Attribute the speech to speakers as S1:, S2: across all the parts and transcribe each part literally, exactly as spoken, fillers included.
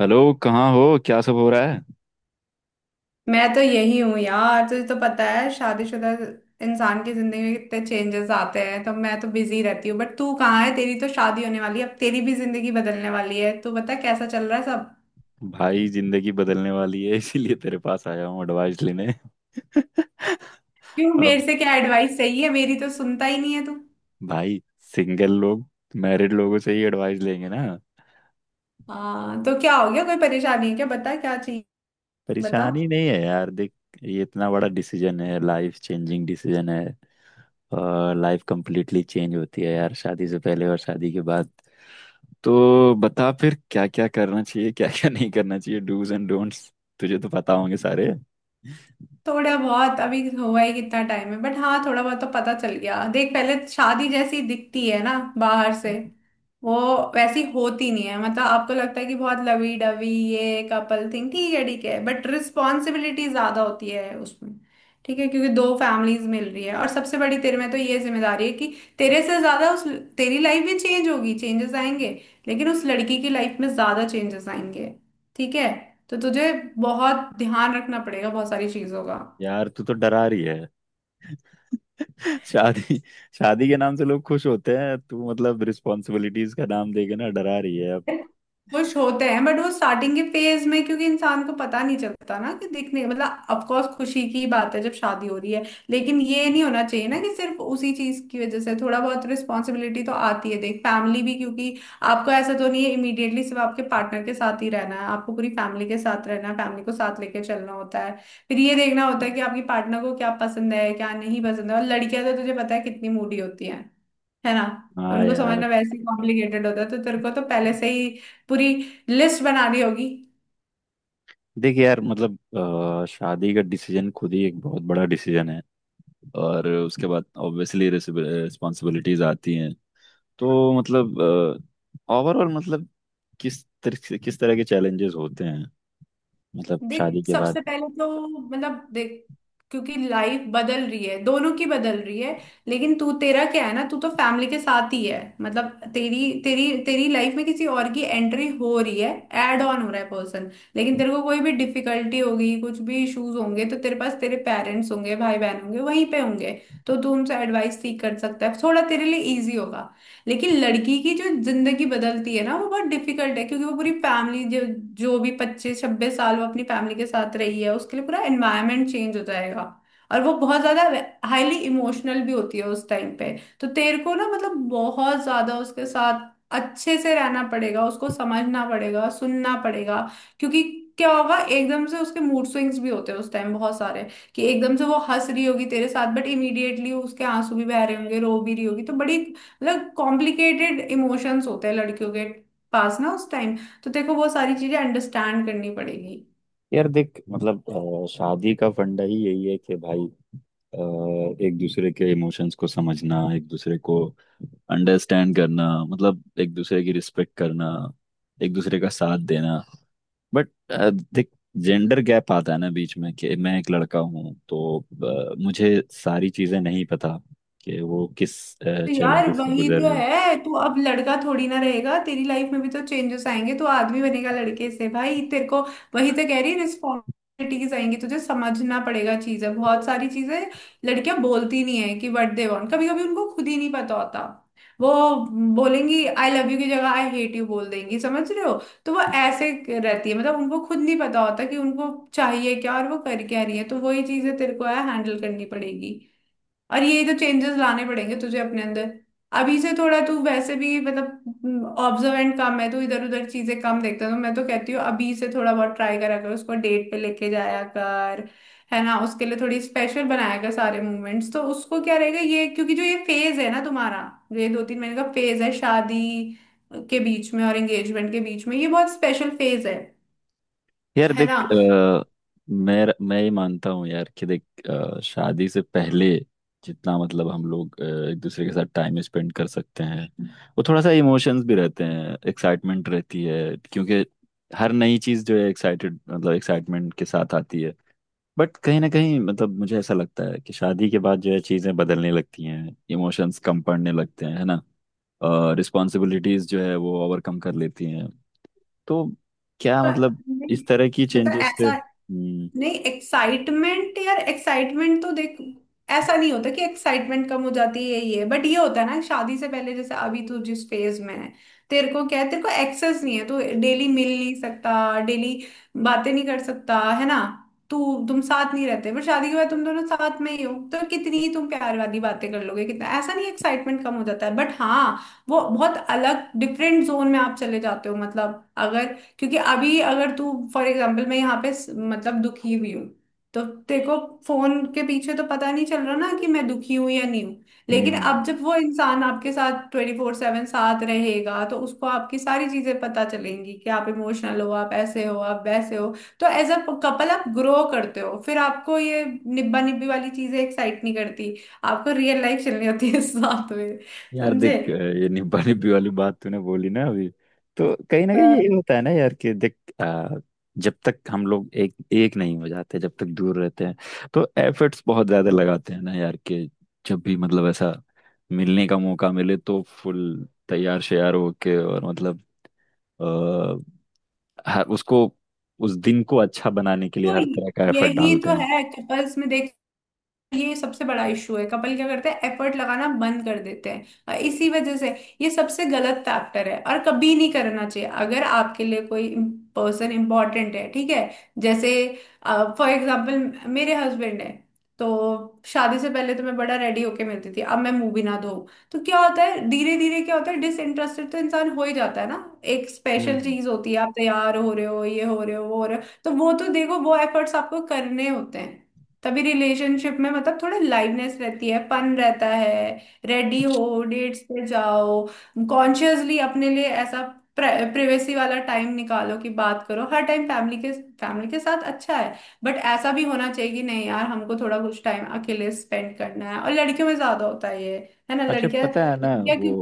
S1: Hello. कहाँ हो? क्या सब हो रहा है?
S2: मैं तो यही हूँ यार। तुझे तो पता है शादीशुदा इंसान की जिंदगी में कितने चेंजेस आते हैं, तो मैं तो बिजी रहती हूँ। बट तू कहाँ है? तेरी तो शादी होने वाली है, अब तेरी भी जिंदगी बदलने वाली है। तू बता कैसा चल रहा है सब?
S1: भाई, जिंदगी बदलने वाली है, इसीलिए तेरे पास आया हूँ एडवाइस लेने।
S2: क्यों?
S1: अब
S2: मेरे से क्या एडवाइस चाहिए? मेरी तो सुनता ही नहीं है तू।
S1: भाई, सिंगल लोग मैरिड लोगों से ही एडवाइस लेंगे ना।
S2: हाँ, तो क्या हो गया? कोई परेशानी है क्या? बता क्या चाहिए। बता।
S1: परेशानी नहीं है यार, देख। ये इतना बड़ा डिसीजन है, लाइफ चेंजिंग डिसीजन है। और लाइफ कंप्लीटली चेंज होती है यार, शादी से पहले और शादी के बाद। तो बता फिर, क्या क्या करना चाहिए, क्या क्या नहीं करना चाहिए, डूज एंड डोंट्स तुझे तो पता होंगे सारे।
S2: थोड़ा बहुत अभी हुआ ही कितना टाइम है, बट हाँ थोड़ा बहुत तो पता चल गया। देख, पहले शादी जैसी दिखती है ना बाहर से वो, वैसी होती नहीं है। मतलब आपको लगता है कि बहुत लवी डवी ये कपल थिंग, ठीक है ठीक है, बट रिस्पॉन्सिबिलिटी ज्यादा होती है उसमें। ठीक है, क्योंकि दो फैमिलीज मिल रही है, और सबसे बड़ी तेरे में तो ये जिम्मेदारी है कि तेरे से ज्यादा उस, तेरी लाइफ भी चेंज होगी, चेंजेस आएंगे, लेकिन उस लड़की की लाइफ में ज्यादा चेंजेस आएंगे। ठीक है, तो तुझे बहुत ध्यान रखना पड़ेगा बहुत सारी चीजों का।
S1: यार तू तो डरा रही है। शादी। शादी के नाम से लोग खुश होते हैं, तू मतलब रिस्पॉन्सिबिलिटीज का नाम देके ना डरा रही है अब।
S2: खुश होते हैं बट वो स्टार्टिंग के फेज में, क्योंकि इंसान को पता नहीं चलता ना कि दिखने, मतलब ऑफ कोर्स खुशी की बात है जब शादी हो रही है, लेकिन ये नहीं होना चाहिए ना कि सिर्फ उसी चीज की वजह से। थोड़ा बहुत रिस्पॉन्सिबिलिटी तो आती है देख, फैमिली भी, क्योंकि आपको ऐसा तो नहीं है इमीडिएटली सिर्फ आपके पार्टनर के साथ ही रहना है, आपको पूरी फैमिली के साथ रहना है, फैमिली को साथ लेके चलना होता है। फिर ये देखना होता है कि आपकी पार्टनर को क्या पसंद है क्या नहीं पसंद है। और लड़कियां तो तुझे पता है कितनी मूडी होती है है ना? तो
S1: हाँ।
S2: उनको समझना
S1: यार
S2: वैसे ही कॉम्प्लिकेटेड होता है, तो तेरे को तो पहले से ही पूरी लिस्ट बनानी होगी।
S1: देख, यार मतलब अ, शादी का डिसीजन खुद ही एक बहुत बड़ा डिसीजन है। और उसके बाद ऑब्वियसली रिस्पॉन्सिबिलिटीज आती हैं। तो मतलब, ओवरऑल मतलब, किस तरह किस तरह के चैलेंजेस होते हैं, मतलब शादी
S2: देख
S1: के
S2: सबसे
S1: बाद?
S2: पहले तो, मतलब देख, क्योंकि लाइफ बदल रही है, दोनों की बदल रही है, लेकिन तू, तेरा क्या है ना, तू तो फैमिली के साथ ही है, मतलब तेरी तेरी तेरी लाइफ में किसी और की एंट्री हो रही है, ऐड ऑन हो रहा है पर्सन। लेकिन तेरे को कोई भी डिफिकल्टी होगी, कुछ भी इश्यूज होंगे, तो तेरे पास तेरे पेरेंट्स होंगे, भाई बहन होंगे, वहीं पे होंगे, तो तू उनसे एडवाइस सीख कर सकता है, थोड़ा तेरे लिए इजी होगा। लेकिन लड़की की जो जिंदगी बदलती है ना, वो बहुत डिफिकल्ट है, क्योंकि वो पूरी फैमिली जो जो भी पच्चीस छब्बीस साल वो अपनी फैमिली के साथ रही है, उसके लिए पूरा एनवायरनमेंट चेंज हो जाएगा। और वो बहुत ज्यादा हाईली इमोशनल भी होती है उस टाइम पे, तो तेरे को ना मतलब बहुत ज्यादा उसके साथ अच्छे से रहना पड़ेगा, उसको समझना पड़ेगा, सुनना पड़ेगा। क्योंकि क्या होगा, एकदम से उसके मूड स्विंग्स भी होते हैं उस टाइम बहुत सारे, कि एकदम से वो हंस रही होगी तेरे साथ बट इमीडिएटली उसके आंसू भी बह रहे होंगे, रो भी रही होगी। तो बड़ी मतलब कॉम्प्लिकेटेड इमोशंस होते हैं लड़कियों के पास ना उस टाइम। तो तेरे को वो सारी चीजें अंडरस्टैंड करनी पड़ेगी।
S1: यार देख, मतलब अ, शादी का फंडा ही यही है कि भाई, अ, एक दूसरे के इमोशंस को समझना, एक दूसरे को अंडरस्टैंड करना, मतलब एक दूसरे की रिस्पेक्ट करना, एक दूसरे का साथ देना। बट देख, जेंडर गैप आता है ना बीच में कि मैं एक लड़का हूँ, तो अ, मुझे सारी चीजें नहीं पता कि वो किस
S2: तो यार
S1: चैलेंजेस से
S2: वही
S1: गुजर
S2: तो
S1: रही है।
S2: है, तू अब लड़का थोड़ी ना रहेगा, तेरी लाइफ में भी तो चेंजेस आएंगे, तो आदमी बनेगा लड़के से भाई। तेरे को वही तो कह रही, रिस्पॉन्सिबिलिटीज आएंगी, तुझे समझना पड़ेगा चीजें, बहुत सारी चीजें। लड़कियां बोलती नहीं है कि व्हाट दे वांट, कभी कभी उनको खुद ही नहीं पता होता। वो बोलेंगी आई लव यू की जगह आई हेट यू बोल देंगी, समझ रहे हो? तो वो ऐसे रहती है, मतलब उनको खुद नहीं पता होता कि उनको चाहिए क्या और वो कर क्या रही है। तो वही चीजें तेरे को है हैंडल करनी पड़ेगी, और ये तो चेंजेस लाने पड़ेंगे तुझे अपने अंदर। अभी से थोड़ा, तू वैसे भी मतलब ऑब्जर्वेंट कम है, तू इधर उधर चीजें कम देखता है, तो मैं तो कहती हूँ अभी से थोड़ा बहुत ट्राई करा कर, उसको डेट पे लेके जाया कर, है ना? उसके लिए थोड़ी स्पेशल बनाया कर सारे मूवमेंट्स, तो उसको क्या रहेगा ये। क्योंकि जो ये फेज है ना तुम्हारा, जो ये दो तीन महीने का फेज है शादी के बीच में और एंगेजमेंट के बीच में, ये बहुत स्पेशल फेज है
S1: यार
S2: है
S1: देख,
S2: ना?
S1: अ, मैं मैं ये मानता हूँ यार कि देख, अ, शादी से पहले जितना, मतलब हम लोग अ, एक दूसरे के साथ टाइम स्पेंड कर सकते हैं, वो थोड़ा सा इमोशंस भी रहते हैं, एक्साइटमेंट रहती है, क्योंकि हर नई चीज़ जो है एक्साइटेड मतलब एक्साइटमेंट के साथ आती है। बट कहीं ना कहीं, मतलब मुझे ऐसा लगता है कि शादी के बाद जो है चीज़ें बदलने लगती हैं, इमोशंस कम पड़ने लगते हैं, है ना? रिस्पॉन्सिबिलिटीज़ जो है वो ओवरकम कर लेती हैं। तो क्या
S2: पर-
S1: मतलब, इस तरह की
S2: मतलब
S1: चेंजेस से?
S2: ऐसा
S1: हम्म
S2: नहीं, एक्साइटमेंट यार, एक्साइटमेंट तो देख, ऐसा नहीं होता कि एक्साइटमेंट कम हो जाती है ये। बट ये होता है ना, शादी से पहले जैसे अभी तू जिस फेज में है, तेरे को क्या है, तेरे को एक्सेस नहीं है, तू डेली मिल नहीं सकता, डेली बातें नहीं कर सकता, है ना? तू, तुम साथ नहीं रहते, बट शादी के बाद तुम दोनों साथ में ही हो, तो कितनी ही तुम प्यार वाली बातें कर लोगे, कितना, ऐसा नहीं एक्साइटमेंट कम हो जाता है, बट हाँ वो बहुत अलग डिफरेंट जोन में आप चले जाते हो। मतलब अगर, क्योंकि अभी अगर तू फॉर एग्जाम्पल, मैं यहाँ पे स- मतलब दुखी हुई हूँ, तो तेरे को फोन के पीछे तो पता नहीं चल रहा ना कि मैं दुखी हूं या नहीं हूं। लेकिन
S1: हम्म।
S2: अब जब वो इंसान आपके साथ ट्वेंटी फोर सेवन साथ रहेगा, तो उसको आपकी सारी चीजें पता चलेंगी कि आप इमोशनल हो, आप ऐसे हो, आप वैसे हो। तो एज अ कपल आप ग्रो करते हो, फिर आपको ये निब्बा निब्बी वाली चीजें एक्साइट नहीं करती। आपको रियल लाइफ चलनी होती है साथ में,
S1: यार देख,
S2: समझे?
S1: अ, ये निब्बा निब्बी वाली बात तूने बोली ना अभी। तो कहीं ना कहीं
S2: तो
S1: यही होता है ना यार, कि देख, अ, जब तक हम लोग एक एक नहीं हो जाते, जब तक दूर रहते हैं, तो एफर्ट्स बहुत ज्यादा लगाते हैं ना यार, कि जब भी मतलब ऐसा मिलने का मौका मिले, तो फुल तैयार श्यार होके, और मतलब आ, हर उसको उस दिन को अच्छा बनाने के लिए
S2: तो
S1: हर तरह का एफर्ट
S2: यही
S1: डालते
S2: तो
S1: हैं।
S2: है कपल्स में देख, ये सबसे बड़ा इशू है, कपल क्या करते हैं एफर्ट लगाना बंद कर देते हैं, और इसी वजह से ये सबसे गलत फैक्टर है, और कभी नहीं करना चाहिए अगर आपके लिए कोई पर्सन इंपॉर्टेंट है, ठीक है? जैसे फॉर एग्जाम्पल मेरे हस्बैंड है, तो शादी से पहले तो मैं बड़ा रेडी होके मिलती थी, अब मैं मुंह भी ना धो। तो क्या होता है धीरे धीरे क्या होता है, डिसइंटरेस्टेड तो इंसान हो ही जाता है ना। एक स्पेशल
S1: हम्म।
S2: चीज होती है, आप तैयार हो रहे हो, ये हो रहे हो, वो हो रहे हो, तो वो तो देखो वो एफर्ट्स आपको करने होते हैं, तभी रिलेशनशिप में मतलब थोड़ा लाइवनेस रहती है, फन रहता है। रेडी हो, डेट्स पे जाओ, कॉन्शियसली अपने लिए ऐसा प्राइवेसी वाला टाइम निकालो कि बात करो, हर टाइम फैमिली के फैमिली के साथ अच्छा है, बट ऐसा भी होना चाहिए कि नहीं यार, हमको थोड़ा कुछ टाइम अकेले स्पेंड करना है, और लड़कियों में ज्यादा होता है ये, है ना?
S1: अच्छा,
S2: लड़कियां,
S1: पता है ना?
S2: लड़कियां
S1: वो।
S2: क्यों?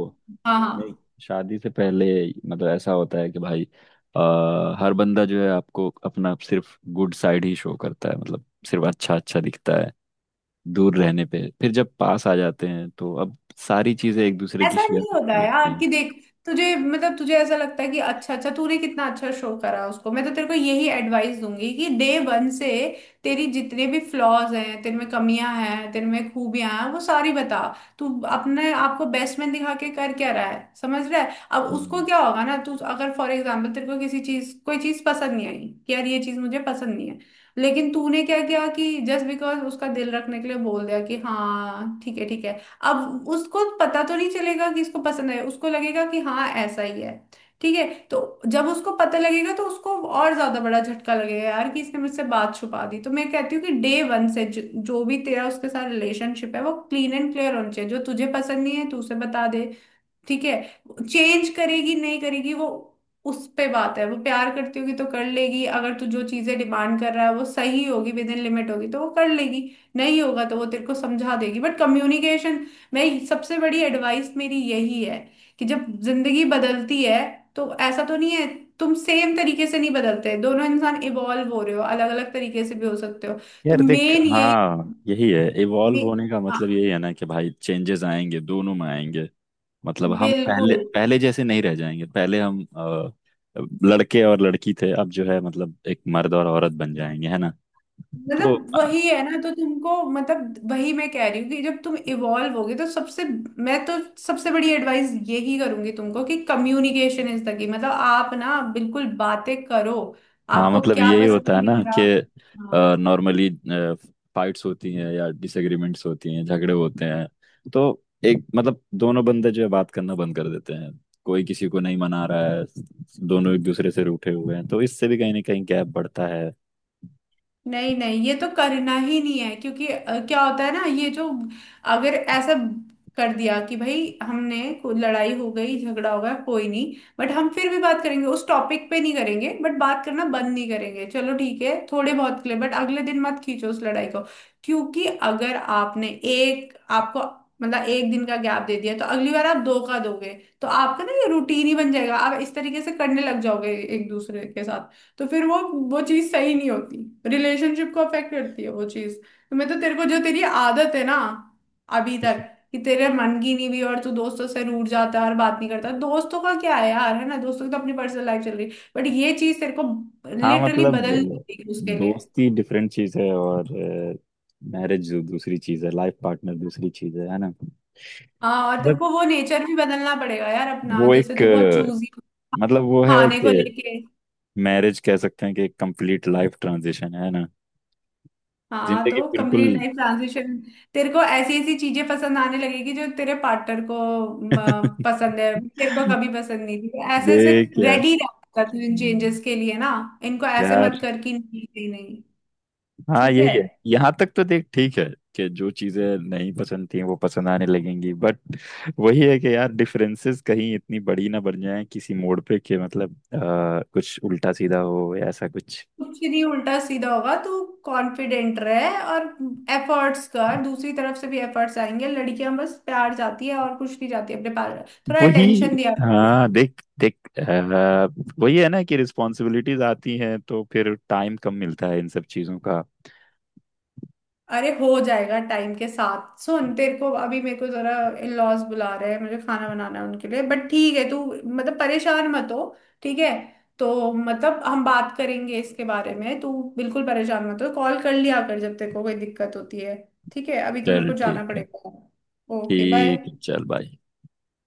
S2: हाँ
S1: नहीं।
S2: हाँ,
S1: शादी से पहले, मतलब ऐसा होता है कि भाई, आ, हर बंदा जो है आपको अपना सिर्फ गुड साइड ही शो करता है, मतलब सिर्फ अच्छा अच्छा दिखता है। दूर रहने पे, फिर जब पास आ जाते हैं तो अब सारी चीजें एक दूसरे की
S2: ऐसा
S1: शेयर
S2: नहीं होता
S1: करने
S2: यार
S1: लगती
S2: कि
S1: हैं।
S2: देख, तुझे, मतलब तुझे ऐसा लगता है कि अच्छा अच्छा तूने कितना अच्छा शो करा उसको। मैं तो तेरे को यही एडवाइस दूंगी कि डे वन से तेरी जितने भी फ्लॉज हैं तेरे में, कमियां हैं तेरे में, खूबियां हैं, वो सारी बता। तू अपने आप को बेस्ट में दिखा के कर क्या रहा है, समझ रहा है? अब उसको
S1: हम्म।
S2: क्या होगा ना, तू अगर फॉर एग्जाम्पल तेरे को किसी चीज कोई चीज पसंद नहीं आई कि यार ये चीज मुझे पसंद नहीं है, लेकिन तूने क्या किया कि जस्ट बिकॉज उसका दिल रखने के लिए बोल दिया कि हाँ ठीक है ठीक है। अब उसको पता तो नहीं चलेगा कि इसको पसंद है, उसको लगेगा कि हाँ ऐसा ही है, ठीक है। तो जब उसको पता लगेगा तो उसको और ज्यादा बड़ा झटका लगेगा यार कि इसने मुझसे बात छुपा दी। तो मैं कहती हूँ कि डे वन से जो, जो भी तेरा उसके साथ रिलेशनशिप है वो क्लीन एंड क्लियर होना चाहिए। जो तुझे पसंद नहीं है तू उसे बता दे, ठीक है? चेंज करेगी नहीं करेगी वो, उस पे बात है। वो प्यार करती होगी तो कर लेगी, अगर तू जो चीजें डिमांड कर रहा है वो सही होगी, विद इन लिमिट होगी, तो वो कर लेगी, नहीं होगा तो वो तेरे को समझा देगी। बट कम्युनिकेशन, मैं सबसे बड़ी एडवाइस मेरी यही है, कि जब जिंदगी बदलती है, तो ऐसा तो नहीं है तुम सेम तरीके से नहीं बदलते, दोनों इंसान इवॉल्व हो रहे हो, अलग अलग तरीके से भी हो सकते हो। तो
S1: यार देख,
S2: मेन यही,
S1: हाँ यही है। इवॉल्व
S2: मे-
S1: होने का मतलब
S2: हाँ,
S1: यही है ना कि भाई, चेंजेस आएंगे, दोनों में आएंगे। मतलब हम
S2: बिल्कुल।
S1: पहले पहले जैसे नहीं रह जाएंगे। पहले हम अ, लड़के और लड़की थे, अब जो है मतलब एक मर्द और औरत बन जाएंगे, है ना? तो
S2: मतलब
S1: अ,
S2: वही है ना, तो तुमको, मतलब वही मैं कह रही हूँ कि जब तुम इवॉल्व होगे तो सबसे, मैं तो सबसे बड़ी एडवाइस यही करूंगी तुमको कि कम्युनिकेशन इज द की। मतलब आप ना बिल्कुल बातें करो,
S1: हाँ,
S2: आपको
S1: मतलब
S2: क्या
S1: यही
S2: पसंद
S1: होता है
S2: नहीं
S1: ना
S2: आ
S1: कि
S2: रहा। हाँ।
S1: नॉर्मली फाइट्स होती हैं या डिसएग्रीमेंट्स होती हैं, झगड़े होते हैं। तो एक मतलब दोनों बंदे जो है बात करना बंद कर देते हैं, कोई किसी को नहीं मना रहा है, दोनों एक दूसरे से रूठे हुए हैं, तो इससे भी कहीं ना कहीं गैप बढ़ता है।
S2: नहीं नहीं, ये तो करना ही नहीं है, क्योंकि अ, क्या होता है ना, ये जो, अगर ऐसा कर दिया कि भाई हमने को- लड़ाई हो गई झगड़ा हो गया कोई नहीं, बट हम फिर भी बात करेंगे, उस टॉपिक पे नहीं करेंगे बट बात करना बंद नहीं करेंगे। चलो ठीक है थोड़े बहुत के लिए, बट अगले दिन मत खींचो उस लड़ाई को। क्योंकि अगर आपने एक, आपको, मतलब एक दिन का गैप दे दिया तो अगली बार आप दो का दोगे, तो आपका ना ये रूटीन ही बन जाएगा, आप इस तरीके से करने लग जाओगे एक दूसरे के साथ, तो फिर वो वो चीज सही नहीं होती, रिलेशनशिप को अफेक्ट करती है वो चीज। तो मैं तो तेरे को जो, तेरी आदत है ना अभी तक, कि तेरे मन की नहीं भी और तू दोस्तों से रूठ जाता है और बात नहीं करता, दोस्तों का क्या है यार, है ना, दोस्तों की तो अपनी पर्सनल लाइफ चल रही है, बट ये चीज तेरे को
S1: हाँ
S2: लिटरली
S1: मतलब,
S2: बदलनी
S1: अ,
S2: पड़ेगी उसके लिए।
S1: दोस्ती डिफरेंट चीज है, और मैरिज दूसरी चीज है, लाइफ पार्टनर दूसरी चीज है है ना?
S2: हाँ, और तेरे
S1: बट
S2: को वो नेचर भी बदलना पड़ेगा यार अपना,
S1: वो
S2: जैसे
S1: एक,
S2: तू बहुत
S1: अ,
S2: चूजी
S1: मतलब वो है
S2: खाने को
S1: कि
S2: लेके।
S1: मैरिज कह सकते हैं कि एक कंप्लीट लाइफ ट्रांजिशन है ना।
S2: हाँ,
S1: जिंदगी
S2: तो
S1: बिल्कुल।
S2: कंप्लीट लाइफ ट्रांजिशन तेरे को ऐसी ऐसी चीजें पसंद आने लगेगी जो तेरे पार्टनर को म, पसंद है, तेरे को कभी पसंद नहीं थी, ऐसे ऐसे
S1: देख यार,
S2: रेडी रहता तू इन
S1: हम्म,
S2: चेंजेस के लिए ना, इनको ऐसे
S1: यार
S2: मत कर कि नहीं नहीं नहीं।
S1: हाँ
S2: ठीक है,
S1: यही है। यहाँ तक तो देख ठीक है कि जो चीजें नहीं पसंद थी वो पसंद आने लगेंगी, बट वही है कि यार, डिफरेंसेस कहीं इतनी बड़ी ना बन जाए किसी मोड़ पे कि मतलब आ, कुछ उल्टा सीधा हो या ऐसा कुछ।
S2: कुछ नहीं उल्टा सीधा होगा, तू कॉन्फिडेंट रहे और एफर्ट्स कर, दूसरी तरफ से भी एफर्ट्स आएंगे। लड़कियां बस प्यार चाहती है और कुछ नहीं चाहती, अपने पार्टनर थोड़ा
S1: वही।
S2: अटेंशन दिया करो
S1: हाँ
S2: उसको।
S1: देख देख, आ, वही है ना कि रिस्पॉन्सिबिलिटीज आती हैं तो फिर टाइम कम मिलता है इन सब चीजों का।
S2: अरे हो जाएगा टाइम के साथ, सुन, तेरे को अभी, मेरे को जरा इन लॉज बुला रहे हैं, मुझे खाना बनाना है उनके लिए, बट ठीक है तू मतलब परेशान मत हो, ठीक है। तो मतलब हम बात करेंगे इसके बारे में, तू बिल्कुल परेशान मत हो, कॉल कर लिया कर जब तेरे को कोई दिक्कत होती है, ठीक है। अभी तो मेरे
S1: चल
S2: को
S1: ठीक
S2: जाना
S1: है।
S2: पड़ेगा। ओके
S1: ठीक है,
S2: बाय।
S1: चल भाई।